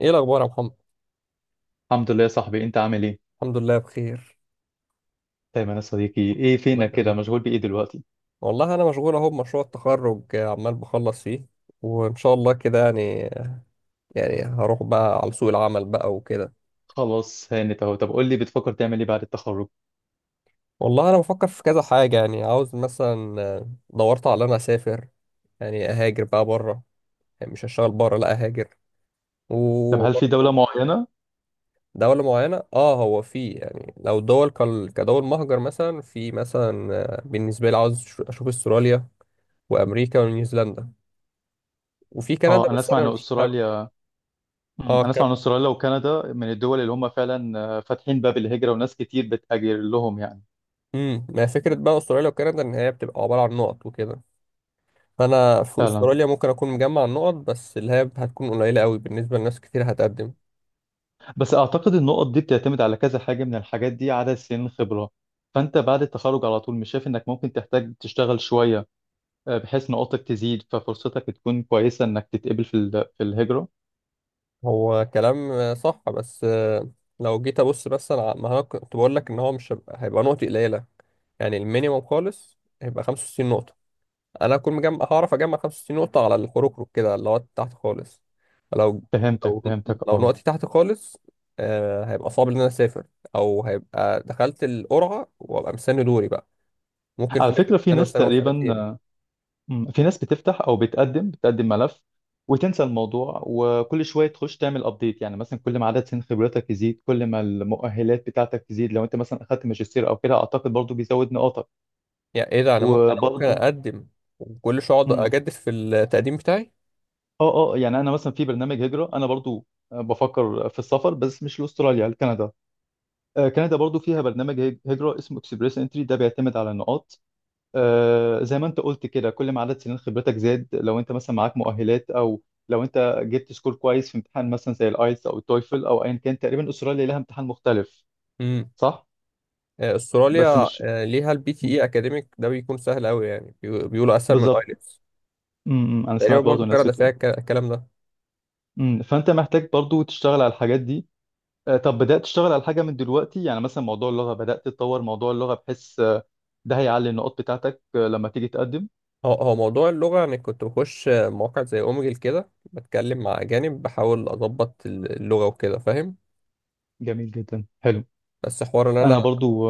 ايه الاخبار يا محمد. الحمد لله يا صاحبي، انت عامل ايه؟ الحمد لله بخير. دايما يا صديقي. ايه الله فينك كده، يخليك. مشغول بايه دلوقتي؟ والله انا مشغول اهو بمشروع التخرج، عمال بخلص فيه وان شاء الله كده، يعني هروح بقى على سوق العمل بقى وكده. خلاص هانت اهو. طب قول لي، بتفكر تعمل ايه بعد التخرج؟ والله انا بفكر في كذا حاجه، يعني عاوز مثلا، دورت على انا اسافر، يعني اهاجر بقى بره، يعني مش هشتغل بره لا اهاجر. طب هل في دولة وبرضه معينة؟ دولة معينة، اه هو في يعني لو دول كدول مهجر، مثلا في مثلا، بالنسبة لي عاوز أشوف استراليا وأمريكا ونيوزيلندا وفي كندا، اه، انا بس اسمع انا ان مش حابب. استراليا. اه انا اسمع ان كندا. استراليا وكندا من الدول اللي هم فعلا فاتحين باب الهجرة، وناس كتير بتهاجر لهم يعني. ما هي فكره بقى استراليا وكندا ان هي بتبقى عباره عن نقط وكده، فانا في فعلا. استراليا ممكن اكون مجمع النقط، بس اللي هي هتكون قليله قوي بالنسبه لناس كتير هتقدم. بس اعتقد النقط دي بتعتمد على كذا حاجة من الحاجات دي، عدد سنين خبرة. فانت بعد التخرج على طول، مش شايف انك ممكن تحتاج تشتغل شوية بحيث نقاطك تزيد، ففرصتك تكون كويسة انك تتقبل في في الهجرة. هو كلام صح بس لو جيت ابص، بس انا ما انا كنت بقول لك ان هو مش هيبقى هيبقى نقط قليله، يعني المينيموم خالص هيبقى 65 نقطه، انا اكون مجمع هعرف اجمع 65 نقطه على الحروكروك كده اللي هو تحت خالص. لو فهمتك لو فهمتك لو اه. نقطتي تحت خالص، آه هيبقى صعب ان انا اسافر، او هيبقى دخلت القرعه وابقى مستني دوري بقى. ممكن في على ناس، فكرة في انا ناس بستنى تقريبا، وسنتين. في ناس بتفتح او بتقدم ملف، وتنسى الموضوع، وكل شوية تخش تعمل ابديت. يعني مثلا كل ما عدد سنين خبرتك يزيد، كل ما المؤهلات بتاعتك تزيد، لو انت مثلا اخدت ماجستير او كده، اعتقد برضو بيزود نقاطك. يعني ايه ده، انا انا ممكن وبرضو اقدم وكل شويه اقعد مم. اجدد في التقديم بتاعي. اه اه، يعني انا مثلا في برنامج هجرة. انا برضو بفكر في السفر، بس مش لاستراليا، لكندا. كندا برضو فيها برنامج هجرة اسمه اكسبريس انتري، ده بيعتمد على النقاط. زي ما انت قلت كده، كل ما عدد سنين خبرتك زاد، لو انت مثلا معاك مؤهلات، او لو انت جبت سكور كويس في امتحان مثلا زي الايلتس او التويفل او ايا كان. تقريبا استراليا لها امتحان مختلف. امم صح. بس استراليا مش ليها البي تي اي اكاديميك، ده بيكون سهل قوي، يعني بيقولوا اسهل من بالظبط. ايلتس. انا تقريبا سمعت برضه برضه الناس كندا فيها بتقول. الكلام ده. فانت محتاج برضه تشتغل على الحاجات دي. طب بدأت تشتغل على حاجة من دلوقتي، يعني مثلا موضوع اللغة؟ بدأت تطور موضوع اللغة، بحيث ده هيعلي النقاط بتاعتك لما تيجي تقدم. هو موضوع اللغة، يعني كنت بخش مواقع زي أوميجل كده بتكلم مع أجانب بحاول أضبط اللغة وكده، فاهم. جميل جدا، حلو. بس حوار إن أنا انا برضو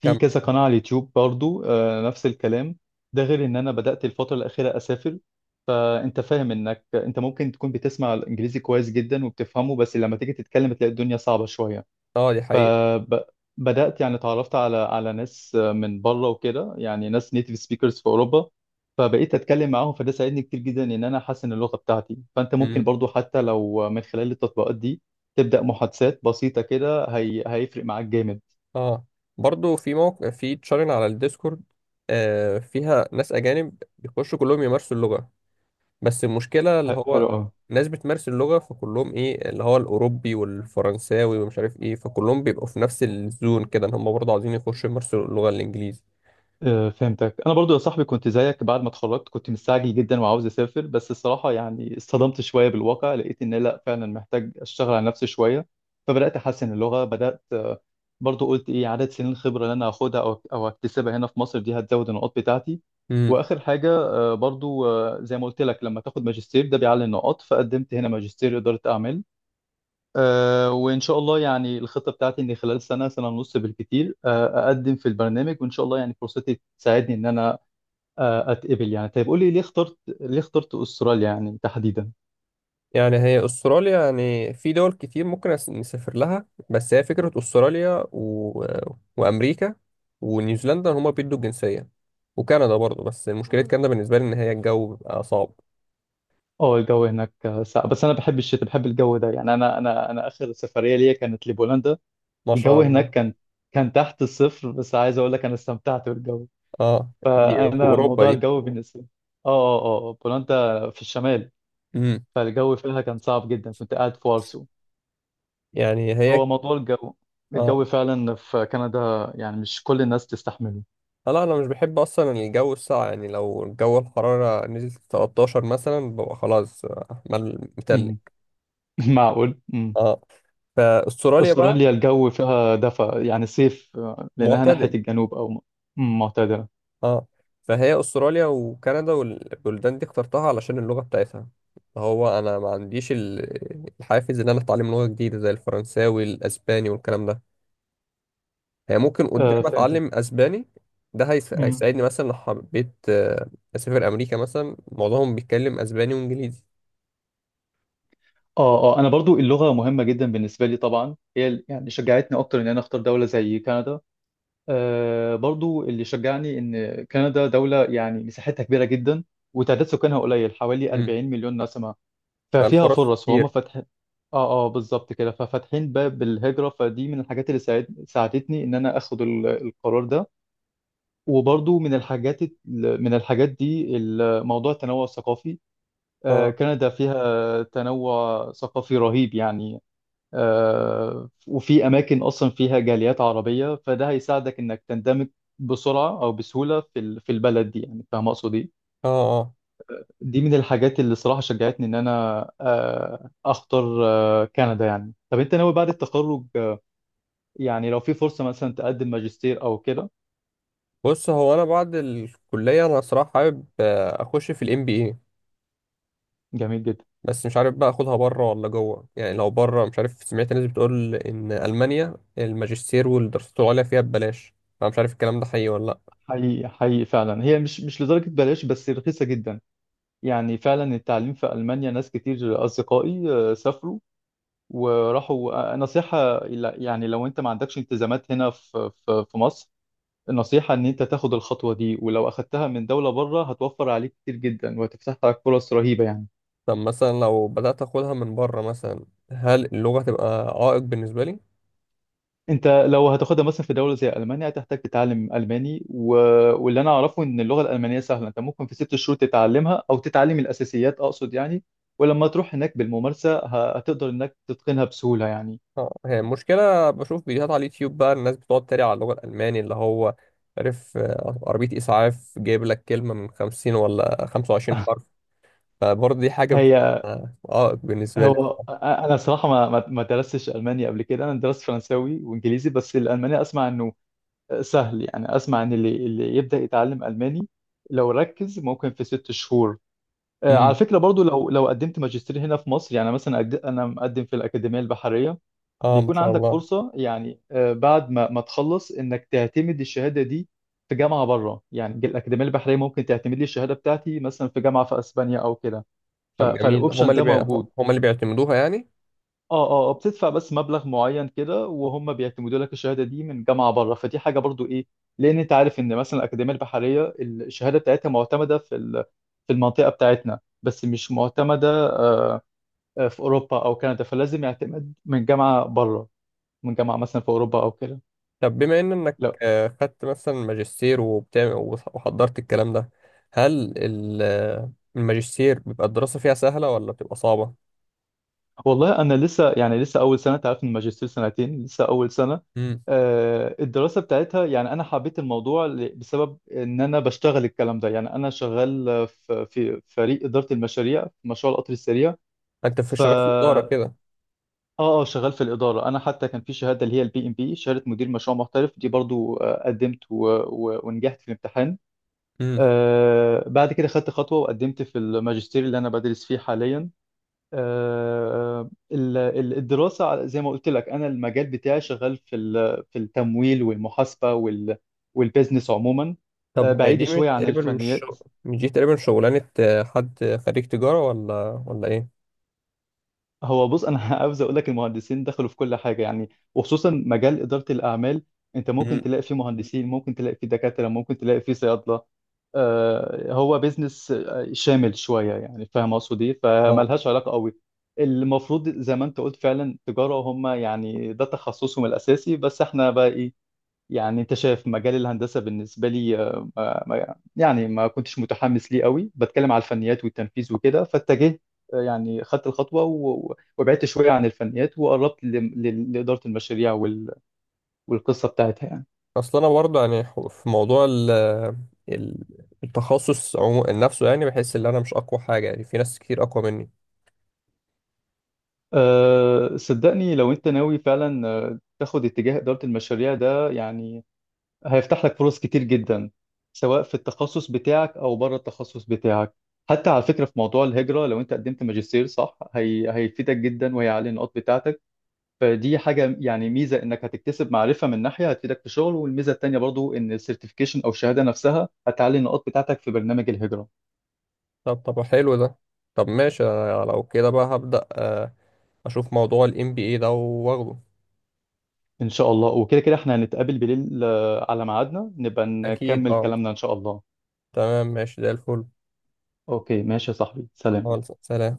في كم. كذا قناة على اليوتيوب، برضو نفس الكلام. ده غير ان انا بدأت الفترة الأخيرة اسافر. فانت فاهم انك انت ممكن تكون بتسمع الانجليزي كويس جدا وبتفهمه، بس لما تيجي تتكلم تلاقي الدنيا صعبة شوية. اه دي حقيقة. فبدأت يعني اتعرفت على ناس من بره وكده، يعني ناس نيتيف سبيكرز في اوروبا. فبقيت اتكلم معاهم، فده ساعدني كتير جدا ان انا احسن اللغة بتاعتي. فانت ممكن مم. برضو حتى لو من خلال التطبيقات دي تبدأ محادثات بسيطة كده، هيفرق معاك جامد. اه برضو في موقع في تشارين على الديسكورد، آه فيها ناس أجانب بيخشوا كلهم يمارسوا اللغة. بس المشكلة، اللي هو حلو قوي. ناس بتمارس اللغة، فكلهم إيه اللي هو الأوروبي والفرنساوي ومش عارف إيه، فكلهم بيبقوا في نفس الزون كده، إن هم برضه عاوزين يخشوا يمارسوا اللغة الإنجليزي. فهمتك. انا برضو يا صاحبي كنت زيك، بعد ما اتخرجت كنت مستعجل جدا وعاوز اسافر، بس الصراحه يعني اصطدمت شويه بالواقع، لقيت ان لا، فعلا محتاج اشتغل على نفسي شويه. فبدات احسن اللغه، بدات برضو قلت ايه، عدد سنين الخبره اللي انا هاخدها او اكتسبها هنا في مصر دي هتزود النقاط بتاعتي. واخر حاجه برضو زي ما قلت لك، لما تاخد ماجستير ده بيعلي النقاط، فقدمت هنا ماجستير اداره اعمال. وإن شاء الله يعني الخطة بتاعتي إن خلال سنة، سنة ونص بالكتير أقدم في البرنامج، وإن شاء الله يعني فرصتي تساعدني إن أنا أتقبل يعني. طيب قولي، ليه اخترت أستراليا يعني تحديدا؟ يعني هي أستراليا، يعني في دول كتير ممكن نسافر لها، بس هي فكرة أستراليا و وأمريكا ونيوزيلندا، هما بيدوا الجنسية. وكندا برضه، بس مشكلة كندا بالنسبة لي إن هي الجو بيبقى صعب. أه، الجو هناك ساقع، بس أنا بحب الشتاء، بحب الجو ده يعني. أنا آخر سفرية ليا كانت لبولندا. ما شاء الجو هناك الله. كان تحت الصفر، بس عايز أقول لك أنا استمتعت بالجو. اه دي في فأنا أوروبا موضوع دي. الجو بالنسبة لي. أه أه أه بولندا في الشمال، امم فالجو فيها كان صعب جدا، كنت قاعد في وارسو. يعني هي هو موضوع الجو، اه، الجو فعلا في كندا يعني مش كل الناس تستحمله. لا أنا مش بحب أصلا الجو الساقع، يعني لو الجو الحرارة نزلت 13 مثلا ببقى خلاص، متلج. امم معقول. اه فأستراليا بقى استراليا الجو فيها دفا، يعني صيف لانها ناحيه معتدل. الجنوب معتدله. اه فهي استراليا وكندا والبلدان دي اخترتها علشان اللغه بتاعتها. هو انا ما عنديش الحافز ان انا اتعلم لغه جديده زي الفرنساوي الاسباني والكلام ده. هي ممكن قدام آه فهمتك. اتعلم اسباني، ده امم هيساعدني مثلا لو حبيت، اسافر امريكا مثلا معظمهم بيتكلم اسباني وانجليزي. اه اه، انا برضو اللغه مهمه جدا بالنسبه لي طبعا. هي يعني شجعتني اكتر ان انا اختار دوله زي كندا. آه برضو اللي شجعني ان كندا دوله يعني مساحتها كبيره جدا، وتعداد سكانها قليل، حوالي امم، 40 مليون نسمه. ففيها فالفرص فرص، فهم كتير. فاتحين. اه اه بالظبط كده، ففاتحين باب الهجرة. فدي من الحاجات اللي ساعدتني ان انا اخد القرار ده. وبرضو من الحاجات من الحاجات دي موضوع التنوع الثقافي. اه كندا فيها تنوع ثقافي رهيب يعني. وفي اماكن اصلا فيها جاليات عربية، فده هيساعدك انك تندمج بسرعة او بسهولة في في البلد دي، يعني فاهم اقصد ايه. اه اه. دي من الحاجات اللي صراحة شجعتني إن أنا أختار كندا يعني. طب أنت ناوي بعد التخرج يعني لو في فرصة مثلا تقدم ماجستير أو كده؟ بص هو انا بعد الكليه انا صراحه حابب اخش في الام بي اي، جميل جدا. بس مش عارف بقى اخدها بره ولا جوه. يعني لو بره، مش عارف، سمعت ناس بتقول ان المانيا الماجستير والدراسات العليا فيها ببلاش، انا مش عارف الكلام ده حقيقي ولا لا. حقيقي فعلا هي مش لدرجة بلاش، بس رخيصة جدا. يعني فعلا التعليم في ألمانيا، ناس كتير أصدقائي سافروا وراحوا. نصيحة يعني لو أنت ما عندكش التزامات هنا في مصر، النصيحة إن أنت تاخد الخطوة دي. ولو أخدتها من دولة بره هتوفر عليك كتير جدا وهتفتح لك فرص رهيبة يعني. طب مثلا لو بدات اخدها من بره مثلا، هل اللغه تبقى عائق بالنسبه لي؟ انت لو هتاخدها مثلا في دوله زي المانيا، هتحتاج تتعلم الماني واللي انا اعرفه ان اللغه الالمانيه سهله، انت ممكن في ست شهور تتعلمها او تتعلم الاساسيات اقصد يعني. ولما تروح هناك بالممارسه هتقدر انك تتقنها بسهوله يعني. اه هي المشكله بشوف فيديوهات على اليوتيوب بقى الناس بتقعد تريق على اللغه الالماني، اللي هو عارف، عربيه اسعاف، جايب لك كلمه من 50 ولا 25 حرف، فبرضه دي حاجه هي، بتبقى عائق بالنسبه لي. هو انا صراحه ما درستش الماني قبل كده، انا درست فرنساوي وانجليزي، بس الالماني اسمع انه سهل. يعني اسمع ان اللي يبدا يتعلم الماني لو ركز ممكن في ست شهور. على امم. فكرة برضو لو قدمت ماجستير هنا في مصر، يعني مثلا أنا مقدم في الأكاديمية البحرية، اه ما بيكون شاء عندك الله. فرصة يعني بعد ما تخلص إنك تعتمد الشهادة دي في جامعة بره. يعني الأكاديمية البحرية ممكن تعتمد لي الشهادة بتاعتي مثلا في جامعة في أسبانيا أو كده. طب جميل، هما فالأوبشن ده موجود. هما اللي بيعتمدوها يعني. اه اه بتدفع بس مبلغ معين كده وهم بيعتمدوا لك الشهاده دي من جامعه بره. فدي حاجه، برضو ايه، لان انت عارف ان مثلا الاكاديميه البحريه الشهاده بتاعتها معتمده في في المنطقه بتاعتنا، بس مش معتمده آه، في اوروبا او كندا، فلازم يعتمد من جامعه بره، من جامعه مثلا في اوروبا او كده. طب بما ان انك، خدت مثلا ماجستير وبتعمل وحضرت الكلام ده، هل الماجستير بيبقى الدراسة فيها سهلة ولا بتبقى صعبة؟ والله انا لسه يعني، لسه اول سنه. تعرف إن الماجستير سنتين، لسه اول سنه. امم. الدراسه بتاعتها يعني انا حبيت الموضوع بسبب ان انا بشتغل الكلام ده، يعني انا شغال في فريق اداره المشاريع في مشروع القطر السريع. انت في شغال في الإدارة اه كده. اه شغال في الاداره. انا حتى كان في شهاده، اللي هي البي ام بي، شهاده مدير مشروع محترف، دي برضو قدمت ونجحت في الامتحان. امم. بعد كده خدت خطوه وقدمت في الماجستير اللي انا بدرس فيه حاليا. الدراسة زي ما قلت لك، أنا المجال بتاعي شغال في في التمويل والمحاسبة والبيزنس عموما طب هي بعيد دي مش شوية عن تقريبا الفنيات. مش دي تقريبا شغلانة حد خريج تجارة ولا ايه؟ هو بص انا عاوز اقول لك، المهندسين دخلوا في كل حاجه يعني، وخصوصا مجال اداره الاعمال. انت ممكن امم. تلاقي فيه مهندسين، ممكن تلاقي فيه دكاتره، ممكن تلاقي فيه صيادله. هو بيزنس شامل شويه، يعني فاهم اقصد ايه. اه. فملهاش علاقه قوي. المفروض زي ما انت قلت فعلا تجاره، هم يعني ده تخصصهم الاساسي، بس احنا بقى ايه. يعني انت شايف مجال الهندسه بالنسبه لي يعني ما كنتش متحمس ليه قوي، بتكلم على الفنيات والتنفيذ وكده. فاتجهت يعني خدت الخطوه وبعدت شويه عن الفنيات، وقربت لاداره المشاريع والقصه بتاعتها يعني. اصل انا برضه يعني في موضوع ال- التخصص نفسه، يعني بحس ان انا مش اقوى حاجة، يعني في ناس كتير اقوى مني. أه صدقني لو انت ناوي فعلا تاخد اتجاه اداره المشاريع ده يعني، هيفتح لك فرص كتير جدا، سواء في التخصص بتاعك او بره التخصص بتاعك. حتى على فكره في موضوع الهجره، لو انت قدمت ماجستير صح، هيفيدك جدا وهيعلي النقاط بتاعتك. فدي حاجه يعني، ميزه انك هتكتسب معرفه من ناحيه هتفيدك في شغل، والميزه التانيه برضو ان السيرتيفيكيشن او الشهاده نفسها هتعلي النقاط بتاعتك في برنامج الهجره. طب طب حلو ده. طب ماشي، أنا لو كده بقى هبدأ، اشوف موضوع ال NBA ده واخده. ان شاء الله. وكده كده احنا هنتقابل بالليل على ميعادنا نبقى اكيد نكمل اه. كلامنا ان شاء الله. تمام ماشي زي الفل. اوكي، ماشي يا صاحبي، سلام. خالص سلام.